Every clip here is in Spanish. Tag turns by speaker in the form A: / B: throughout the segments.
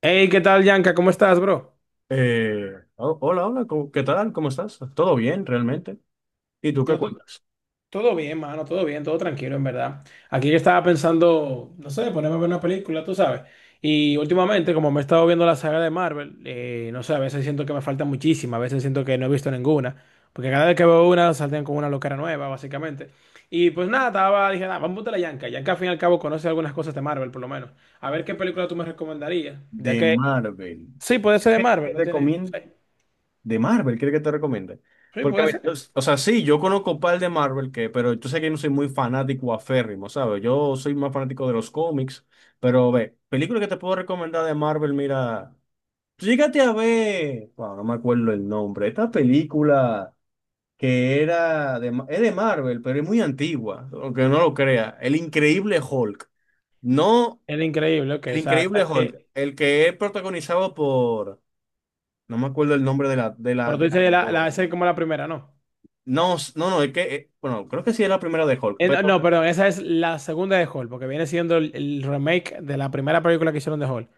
A: Hey, ¿qué tal, Yanka? ¿Cómo estás, bro?
B: Hola, hola, ¿qué tal? ¿Cómo estás? ¿Todo bien, realmente? ¿Y tú qué
A: Yo to-
B: cuentas?
A: todo bien, mano, todo bien, todo tranquilo, en verdad. Aquí yo estaba pensando, no sé, ponerme a ver una película, tú sabes. Y últimamente, como me he estado viendo la saga de Marvel, no sé, a veces siento que me falta muchísima, a veces siento que no he visto ninguna. Porque cada vez que veo una, salten con una locura nueva, básicamente. Y pues nada, estaba, dije, nada, vamos a la Yanka. Yanka, al fin y al cabo, conoce algunas cosas de Marvel, por lo menos. A ver qué película tú me recomendarías. Ya
B: De
A: que,
B: Marvel.
A: sí, puede ser de
B: ¿Qué
A: Marvel,
B: te
A: no tiene.
B: recomiendo?
A: Sí,
B: De Marvel, ¿quieres que te recomiende?
A: sí,
B: Porque
A: puede
B: mira,
A: ser.
B: o sea, sí, yo conozco un par de Marvel, que, pero yo sé que yo no soy muy fanático aférrimo, ¿sabes? Yo soy más fanático de los cómics, pero ve, película que te puedo recomendar de Marvel, mira, llégate a ver, bueno, no me acuerdo el nombre, esta película que era es de Marvel, pero es muy antigua, aunque no lo crea. El Increíble Hulk. No,
A: El increíble, ok.
B: el
A: O sea,
B: Increíble
A: ¿sabes qué?
B: Hulk, el que es protagonizado por, no me acuerdo el nombre de
A: Pero tú
B: del
A: dices,
B: actor.
A: esa es como la primera, ¿no?
B: No, es que, bueno, creo que sí es la primera de Hulk,
A: No,
B: pero
A: no, perdón, esa es la segunda de Hall, porque viene siendo el remake de la primera película que hicieron de Hall.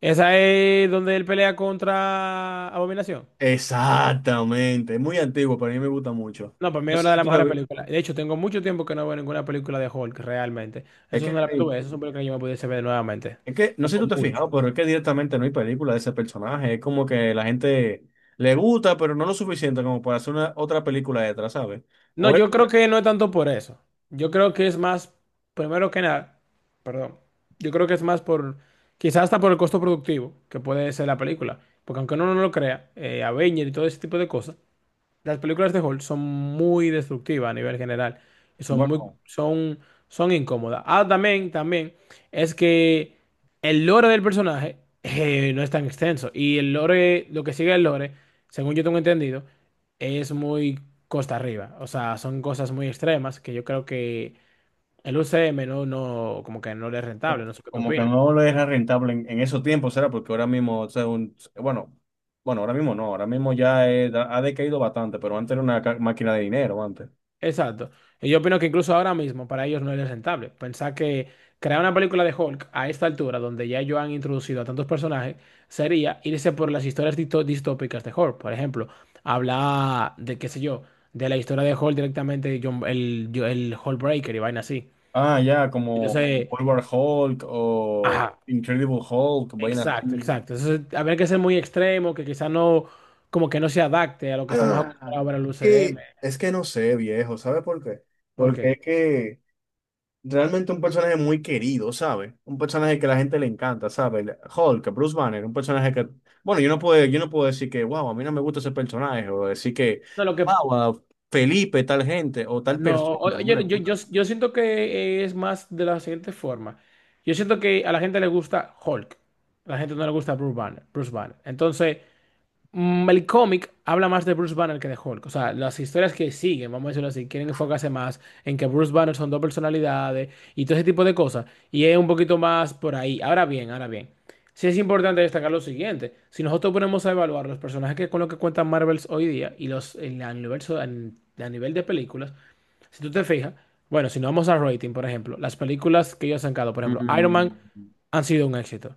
A: Esa es donde él pelea contra Abominación.
B: exactamente, es muy antiguo, pero a mí me gusta mucho.
A: No, para mí
B: No
A: es
B: sé
A: una de
B: si
A: las
B: tú la
A: mejores
B: vi-
A: películas. De hecho, tengo mucho tiempo que no veo ninguna película de Hulk, realmente.
B: Es
A: Eso es
B: que
A: una
B: no
A: de las
B: hay.
A: tuve, esas son películas que yo me pudiese ver nuevamente.
B: Es que no sé si tú
A: Tengo
B: te has
A: mucho.
B: fijado, pero es que directamente no hay película de ese personaje. Es como que la gente le gusta, pero no lo suficiente como para hacer una otra película detrás, ¿sabes?
A: No,
B: O
A: yo
B: era-
A: creo que no es tanto por eso. Yo creo que es más, primero que nada, perdón, yo creo que es más por, quizás hasta por el costo productivo que puede ser la película. Porque aunque uno no lo crea, Avenger y todo ese tipo de cosas, las películas de Hulk son muy destructivas a nivel general. Son muy,
B: bueno,
A: son incómodas. Ah, también, también, es que el lore del personaje no es tan extenso. Y el lore, lo que sigue el lore, según yo tengo entendido, es muy costa arriba. O sea, son cosas muy extremas que yo creo que el UCM no, no, como que no le es rentable. No sé qué tú
B: como que
A: opinas.
B: no lo era rentable en esos tiempos, ¿será? Porque ahora mismo, o sea, bueno, ahora mismo no, ahora mismo ya ha decaído bastante, pero antes era una máquina de dinero, antes.
A: Exacto. Y yo opino que incluso ahora mismo para ellos no es rentable. Pensar que crear una película de Hulk a esta altura, donde ya ellos han introducido a tantos personajes, sería irse por las historias distópicas de Hulk. Por ejemplo, hablar de, qué sé yo, de la historia de Hulk directamente, de el Hulkbreaker y vaina así.
B: Ah, ya, como
A: Entonces,
B: World War Hulk o
A: ajá,
B: Incredible Hulk, vainas
A: exacto,
B: así.
A: exacto. Entonces, habría que ser muy extremo, que quizá no, como que no se adapte a lo que estamos acostumbrados a
B: Ah,
A: ver en el UCM.
B: que es que no sé, viejo, ¿sabe por qué?
A: ¿Por
B: Porque
A: qué?
B: es que realmente un personaje muy querido, ¿sabe? Un personaje que a la gente le encanta, ¿sabe? El Hulk, Bruce Banner, un personaje que, bueno, yo no puedo decir que wow, a mí no me gusta ese personaje, o decir que
A: No, lo que
B: wow, a Felipe, tal gente, o tal
A: No,
B: persona,
A: oye,
B: no le gusta.
A: yo siento que es más de la siguiente forma. Yo siento que a la gente le gusta Hulk. A la gente no le gusta Bruce Banner. Bruce Banner. Entonces, el cómic habla más de Bruce Banner que de Hulk. O sea, las historias que siguen, vamos a decirlo así, quieren enfocarse más en que Bruce Banner son dos personalidades y todo ese tipo de cosas. Y es un poquito más por ahí. Ahora bien, ahora bien. Sí es importante destacar lo siguiente. Si nosotros ponemos a evaluar los personajes que con los que cuentan Marvels hoy día y los en el universo a nivel de películas. Si tú te fijas, bueno, si nos vamos a rating, por ejemplo, las películas que ellos han sacado, por ejemplo, Iron Man
B: Mm,
A: han sido un éxito.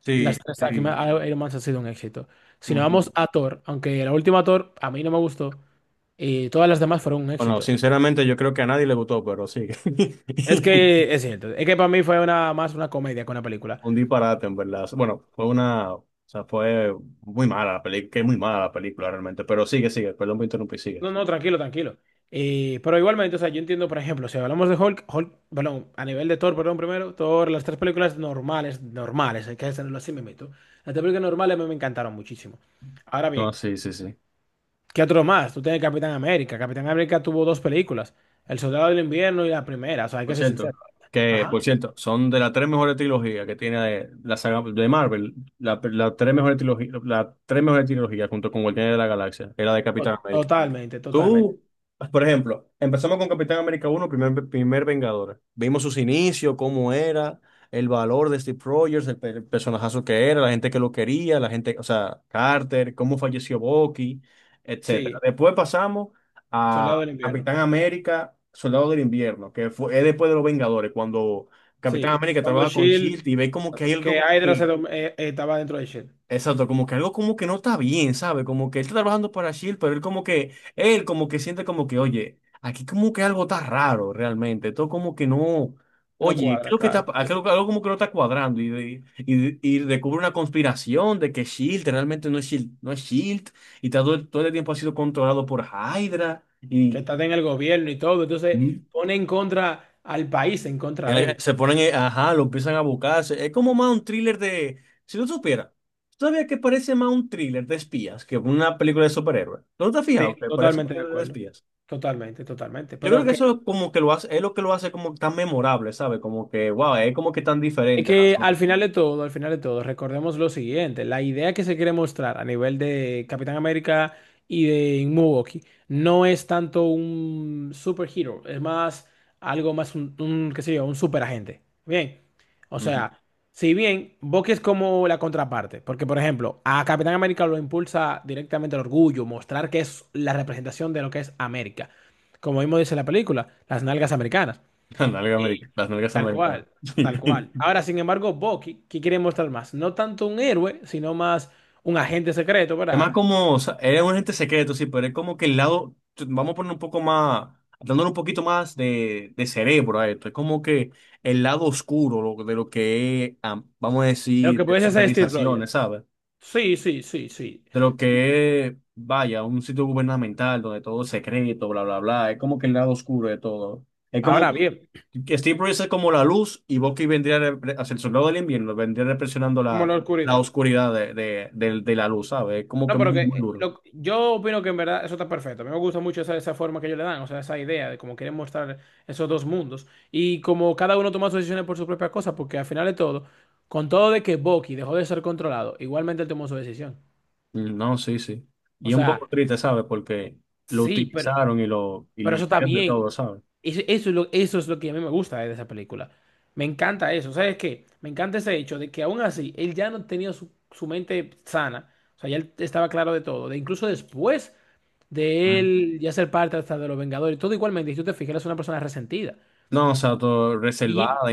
B: sí,
A: Las tres
B: sí.
A: Iron Man han sido un éxito. Si nos
B: Ujú.
A: vamos a Thor, aunque la última Thor a mí no me gustó, y todas las demás fueron un
B: Bueno,
A: éxito.
B: sinceramente yo creo que a nadie le gustó, pero sí.
A: Es que es cierto, es que para mí fue una, más una comedia que una película.
B: Un disparate, en verdad. Bueno, fue una, o sea, fue muy mala la película, que es muy mala la película realmente, pero sigue, sigue, perdón por interrumpir, sigue.
A: No, no, tranquilo, tranquilo. Pero igualmente, o sea, yo entiendo, por ejemplo, si hablamos de Hulk, Hulk, perdón, a nivel de Thor, perdón, primero, Thor, las tres películas normales, normales, hay que hacerlo así, me meto. Las tres películas normales a mí me encantaron muchísimo. Ahora
B: No,
A: bien,
B: sí, sí, sí.
A: ¿qué otro más? Tú tienes Capitán América. Capitán América tuvo dos películas, El Soldado del Invierno y la primera, o sea, hay
B: Por
A: que ser
B: cierto,
A: sincero.
B: que,
A: Ajá.
B: por cierto, son de las tres mejores trilogías que tiene la saga de Marvel, la tres mejores trilogías, las tres mejores trilogías junto con Guardianes de la Galaxia, era de Capitán América.
A: Totalmente, totalmente.
B: Tú, por ejemplo, empezamos con Capitán América uno primer, primer Vengador. Vimos sus inicios, cómo era, el valor de Steve Rogers, el personajazo que era, la gente que lo quería, la gente, o sea, Carter, cómo falleció Bucky, etcétera.
A: Sí,
B: Después pasamos
A: Soldado
B: a
A: del Invierno.
B: Capitán América, Soldado del Invierno, que fue, es después de los Vengadores, cuando Capitán
A: Sí.
B: América
A: Cuando
B: trabaja con
A: Shield,
B: Shield y ve como que hay algo
A: que
B: como
A: Hydra
B: que...
A: estaba dentro de Shield.
B: Exacto, como que algo como que no está bien, ¿sabe? Como que él está trabajando para Shield, pero él como que siente como que, oye, aquí como que algo está raro realmente, todo como que no,
A: No
B: oye,
A: cuadra,
B: creo que está,
A: claro. Sí.
B: algo, algo como que no está cuadrando y descubre una conspiración de que Shield realmente no es Shield, no es Shield y todo, todo el tiempo ha sido controlado por Hydra
A: Que
B: y...
A: está en el gobierno y todo, entonces pone en contra al país, en contra de él.
B: Se ponen, ajá, lo empiezan a buscar. Es como más un thriller de. Si tú supieras, todavía que parece más un thriller de espías que una película de superhéroes. ¿No te has fijado
A: Sí,
B: que parece un
A: totalmente de
B: thriller de
A: acuerdo.
B: espías?
A: Totalmente, totalmente.
B: Yo creo
A: Pero
B: que
A: que
B: eso como que lo hace, es lo que lo hace como tan memorable, ¿sabes? Como que wow, es como que tan
A: es
B: diferente a las
A: que al
B: otras.
A: final de todo, al final de todo, recordemos lo siguiente, la idea que se quiere mostrar a nivel de Capitán América y de Milwaukee no es tanto un superhero, es más algo más un, qué sé yo, un superagente. Bien, o
B: Ujú.
A: sea, si bien Bucky es como la contraparte, porque por ejemplo, a Capitán América lo impulsa directamente el orgullo, mostrar que es la representación de lo que es América, como mismo dice la película, las nalgas americanas.
B: Las nalgas americanas, las nalgas
A: Tal
B: americanas.
A: cual, tal cual. Ahora, sin embargo, Bucky, ¿qué quiere mostrar más? No tanto un héroe, sino más un agente secreto,
B: Es más
A: ¿verdad?
B: como, o sea, eres un agente secreto, sí, pero es como que el lado, vamos a poner un poco más, dándole un poquito más de cerebro a esto, es como que el lado oscuro de lo que es, ah, vamos a
A: Lo
B: decir,
A: que
B: de las
A: puede ser Steve Rogers.
B: organizaciones, ¿sabes?
A: Sí, sí, sí, sí,
B: De lo
A: sí.
B: que es, vaya, un sitio gubernamental donde todo es secreto, bla, bla, bla, es como que el lado oscuro de todo. Es como
A: Ahora bien,
B: que Steve Bruce es como la luz y Bucky vendría, hacia el soldado del invierno, vendría represionando
A: como
B: la,
A: la
B: la
A: oscuridad.
B: oscuridad de la luz, ¿sabes? Es como que
A: No, pero
B: muy,
A: que
B: muy duro.
A: yo opino que en verdad eso está perfecto. A mí me gusta mucho esa, esa forma que ellos le dan, o sea, esa idea de cómo quieren mostrar esos dos mundos. Y como cada uno toma sus decisiones por su propia cosa, porque al final de todo, con todo de que Bucky dejó de ser controlado, igualmente él tomó su decisión.
B: Mm, no, sí, sí. Y
A: O
B: es un poco
A: sea,
B: triste, ¿sabes? Porque lo
A: sí, pero...
B: utilizaron y lo y
A: Pero
B: le
A: eso está
B: hicieron de todo,
A: bien.
B: ¿sabes?
A: Eso, eso es lo que a mí me gusta de esa película. Me encanta eso. ¿Sabes qué? Me encanta ese hecho de que aún así él ya no tenía su, su mente sana. O sea, ya él estaba claro de todo. De incluso después de
B: Mm.
A: él ya ser parte hasta de los Vengadores, todo igualmente. Y tú te fijas, él es una persona resentida.
B: No, o sea, todo
A: Y
B: reservada,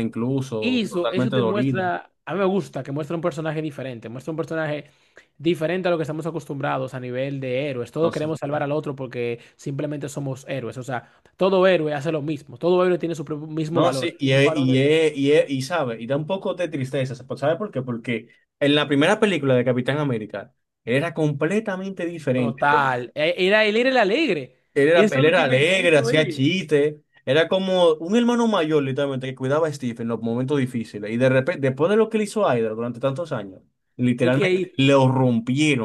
A: y
B: incluso
A: eso, eso
B: totalmente
A: te
B: dolida.
A: muestra, a mí me gusta que muestra un personaje diferente, muestra un personaje diferente a lo que estamos acostumbrados a nivel de héroes.
B: No
A: Todos
B: sé.
A: queremos salvar al otro porque simplemente somos héroes. O sea, todo héroe hace lo mismo, todo héroe tiene su propio- mismo
B: No,
A: valor.
B: sí,
A: El
B: y,
A: mismo
B: es-
A: valor
B: y,
A: es
B: es- y, es- y sabe, y da un poco de tristeza, ¿sabes por qué? Porque en la primera película de Capitán América era completamente diferente.
A: total. Era, él era el alegre. Eso
B: Él
A: es lo
B: era
A: que me
B: alegre,
A: hizo
B: hacía
A: él.
B: chistes. Era como un hermano mayor, literalmente, que cuidaba a Steve en los momentos difíciles. Y de repente, después de lo que le hizo a Hydra durante tantos años,
A: Es que
B: literalmente
A: ahí
B: lo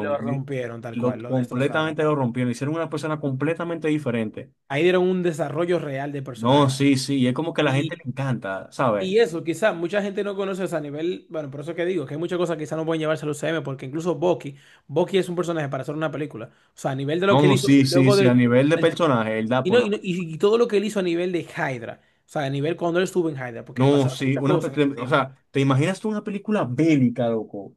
A: lo rompieron tal
B: Lo,
A: cual, lo destrozaron
B: completamente lo
A: tal cual.
B: rompieron. Hicieron una persona completamente diferente.
A: Ahí dieron un desarrollo real de
B: No,
A: personaje.
B: sí, sí. Y es como que a la gente le encanta, ¿sabes?
A: Y eso, quizá mucha gente no conoce, o sea, a nivel, bueno, por eso que digo, que hay muchas cosas que quizá no pueden llevarse al UCM, porque incluso Bucky, Bucky es un personaje para hacer una película. O sea, a nivel de lo que él
B: No,
A: hizo,
B: sí, sí,
A: luego
B: sí. A
A: de,
B: nivel de
A: el-
B: personaje, él da
A: y,
B: por
A: no- y, no-
B: una.
A: y todo lo que él hizo a nivel de Hydra, o sea, a nivel cuando él estuvo en Hydra, porque
B: No,
A: pasaron
B: sí.
A: muchas
B: Una,
A: cosas en ese
B: o
A: tiempo.
B: sea, ¿te imaginas tú una película bélica, loco?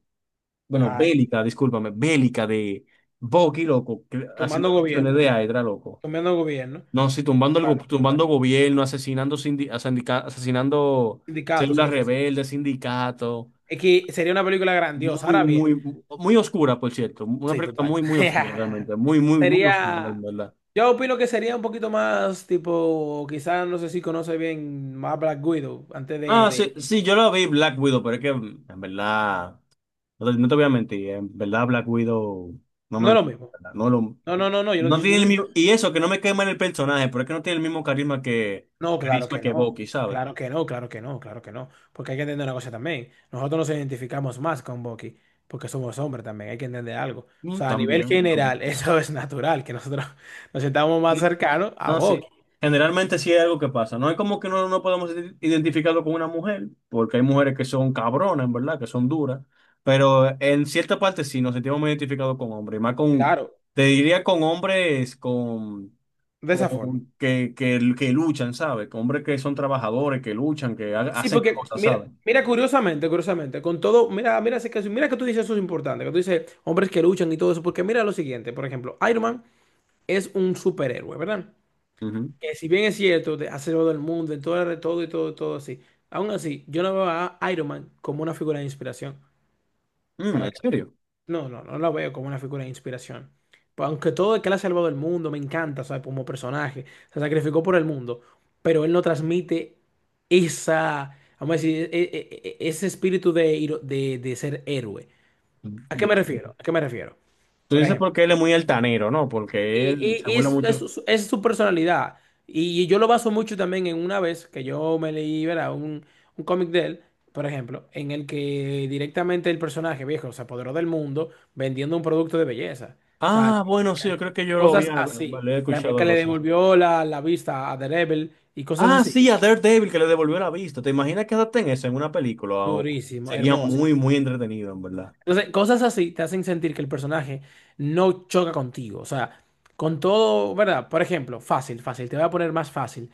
B: Bueno,
A: Ay,
B: bélica, discúlpame, bélica de Bucky, loco,
A: tomando
B: haciendo misiones de
A: gobiernos,
B: Hydra, loco.
A: tomando gobiernos,
B: No, sí, tumbando, tumbando
A: bueno,
B: gobierno, asesinando, asesinando
A: sindicatos y
B: células
A: cosas así.
B: rebeldes, sindicatos.
A: Es que sería una película grandiosa.
B: Muy,
A: Ahora bien.
B: muy, muy oscura, por cierto. Una
A: Sí,
B: película
A: total.
B: muy, muy oscura, realmente. Muy, muy, muy oscura, en
A: Sería,
B: verdad.
A: yo opino que sería un poquito más tipo, quizás no sé si conoce bien más Black Widow antes de,
B: No, sí,
A: de-
B: sí, yo la vi Black Widow, pero es que, en verdad, no te voy a mentir, en verdad Black Widow no me
A: No es lo
B: gusta,
A: mismo.
B: en verdad, no lo...
A: No, no, no, no, yo no,
B: No
A: yo
B: tiene
A: no
B: el
A: he dicho...
B: mismo. Y eso, que no me quema en el personaje, pero es que no tiene el mismo carisma que.
A: No, claro
B: Carisma
A: que
B: que
A: no.
B: Bucky, ¿sabes?
A: Claro que no, claro que no, claro que no. Porque hay que entender una cosa también. Nosotros nos identificamos más con Bucky porque somos hombres también, hay que entender algo. O
B: Mm,
A: sea, a nivel
B: también, también.
A: general, eso es natural, que nosotros nos sentamos más
B: No,
A: cercanos a
B: no
A: Bucky.
B: sé. Generalmente sí hay algo que pasa. No es como que no, no podemos identificarlo con una mujer, porque hay mujeres que son cabronas, en verdad, que son duras. Pero en cierta parte sí nos sentimos muy identificados con hombres. Y más con.
A: Claro,
B: Te diría con hombres con.
A: de esa forma.
B: con que luchan, ¿sabes? Con hombres que son trabajadores, que luchan, que
A: Sí,
B: hacen
A: porque
B: cosas,
A: mira,
B: ¿sabes?
A: mira curiosamente, curiosamente, con todo, mira, mira ese caso, mira que tú dices eso es importante, que tú dices hombres que luchan y todo eso, porque mira lo siguiente, por ejemplo, Iron Man es un superhéroe, ¿verdad?
B: Ujú.
A: Que si bien es cierto, ha salvado el mundo, en todo, todo y todo, todo así, aún así, yo no veo a Iron Man como una figura de inspiración.
B: Mm, ¿en serio?
A: No, no, no la veo como una figura de inspiración. Pues aunque todo el que la ha salvado el mundo me encanta, ¿sabes? Como personaje, se sacrificó por el mundo, pero él no transmite esa, vamos a decir, ese espíritu de, de ser héroe. ¿A qué
B: De...
A: me refiero? ¿A qué me refiero?
B: Tú
A: Por
B: dices
A: ejemplo.
B: porque él es muy altanero, ¿no?
A: Y,
B: Porque él
A: y-
B: se
A: y
B: burla
A: es
B: mucho.
A: su es su personalidad. Y yo lo baso mucho también en una vez que yo me leí, ¿verdad? Un cómic de él, por ejemplo, en el que directamente el personaje viejo se apoderó del mundo vendiendo un producto de belleza. O sea,
B: Ah, bueno, sí, yo creo que yo lo
A: cosas
B: había,
A: así.
B: lo he
A: Por ejemplo,
B: escuchado
A: que
B: algo
A: le
B: así.
A: devolvió la vista a Daredevil y cosas
B: Ah,
A: así.
B: sí, a Daredevil que le devolvió la vista. ¿Te imaginas que adapten eso en una película?
A: Durísimo,
B: Sería
A: hermoso.
B: muy, muy entretenido, en verdad.
A: Entonces, cosas así te hacen sentir que el personaje no choca contigo. O sea, con todo, ¿verdad? Por ejemplo, fácil, fácil. Te voy a poner más fácil.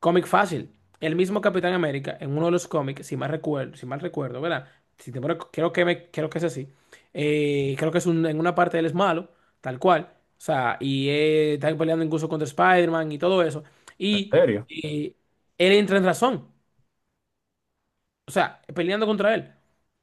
A: Cómic fácil. El mismo Capitán América, en uno de los cómics, si mal recuerdo, si mal recuerdo, ¿verdad? Si te pone- creo que es así. Creo que en una parte él es malo, tal cual. O sea, y están peleando incluso contra Spider-Man y todo eso.
B: En
A: Y
B: serio,
A: eh, él entra en razón. O sea, peleando contra él.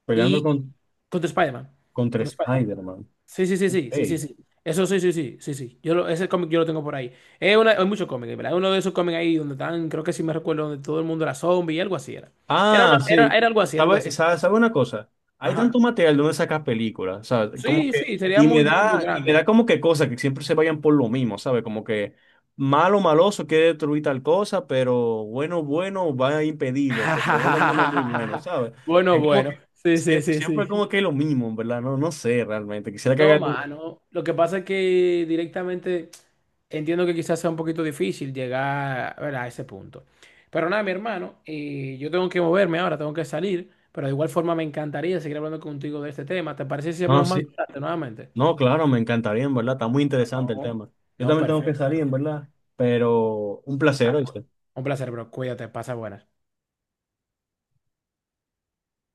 B: peleando
A: Y
B: con,
A: contra Spider-Man.
B: contra
A: Contra Spider-Man.
B: Spider-Man.
A: Sí, sí, sí, sí,
B: Ok.
A: sí, sí, sí. Eso sí, sí, sí, sí, sí. Ese cómic yo lo tengo por ahí. Es una, hay muchos cómics, ¿verdad? Es uno de esos cómics ahí donde están, creo que sí me recuerdo, donde todo el mundo era zombie y algo así era. Era, una-
B: Ah,
A: era,
B: sí.
A: era algo así, era algo así.
B: ¿Sabe una cosa? Hay tanto
A: Ajá.
B: material donde sacas películas, o sea, como
A: Sí,
B: que,
A: sí, sería muy, muy, muy
B: y me da
A: grande.
B: como que cosas que siempre se vayan por lo mismo, ¿sabe? Como que malo, maloso quiere destruir tal cosa, pero bueno, bueno va a impedirlo, porque bueno, bueno es muy bueno, ¿sabe?
A: Bueno,
B: Es como que
A: bueno. Sí, sí, sí,
B: siempre, como
A: sí.
B: que es lo mismo, ¿en verdad? No, no sé realmente. Quisiera que haga
A: No,
B: algo.
A: mano. Lo que pasa es que directamente entiendo que quizás sea un poquito difícil llegar, ¿verdad? A ese punto. Pero nada, mi hermano, yo tengo que moverme ahora, tengo que salir. Pero de igual forma me encantaría seguir hablando contigo de este tema. ¿Te parece si
B: No,
A: hablamos más
B: sí.
A: tarde nuevamente?
B: No, claro, me encantaría, en verdad. Está muy
A: Ah,
B: interesante el
A: no.
B: tema. Yo
A: No,
B: también tengo que salir,
A: perfecto.
B: en verdad. Pero un placer,
A: Ah, pues,
B: ¿oíste?
A: un placer, bro. Cuídate, pasa buenas.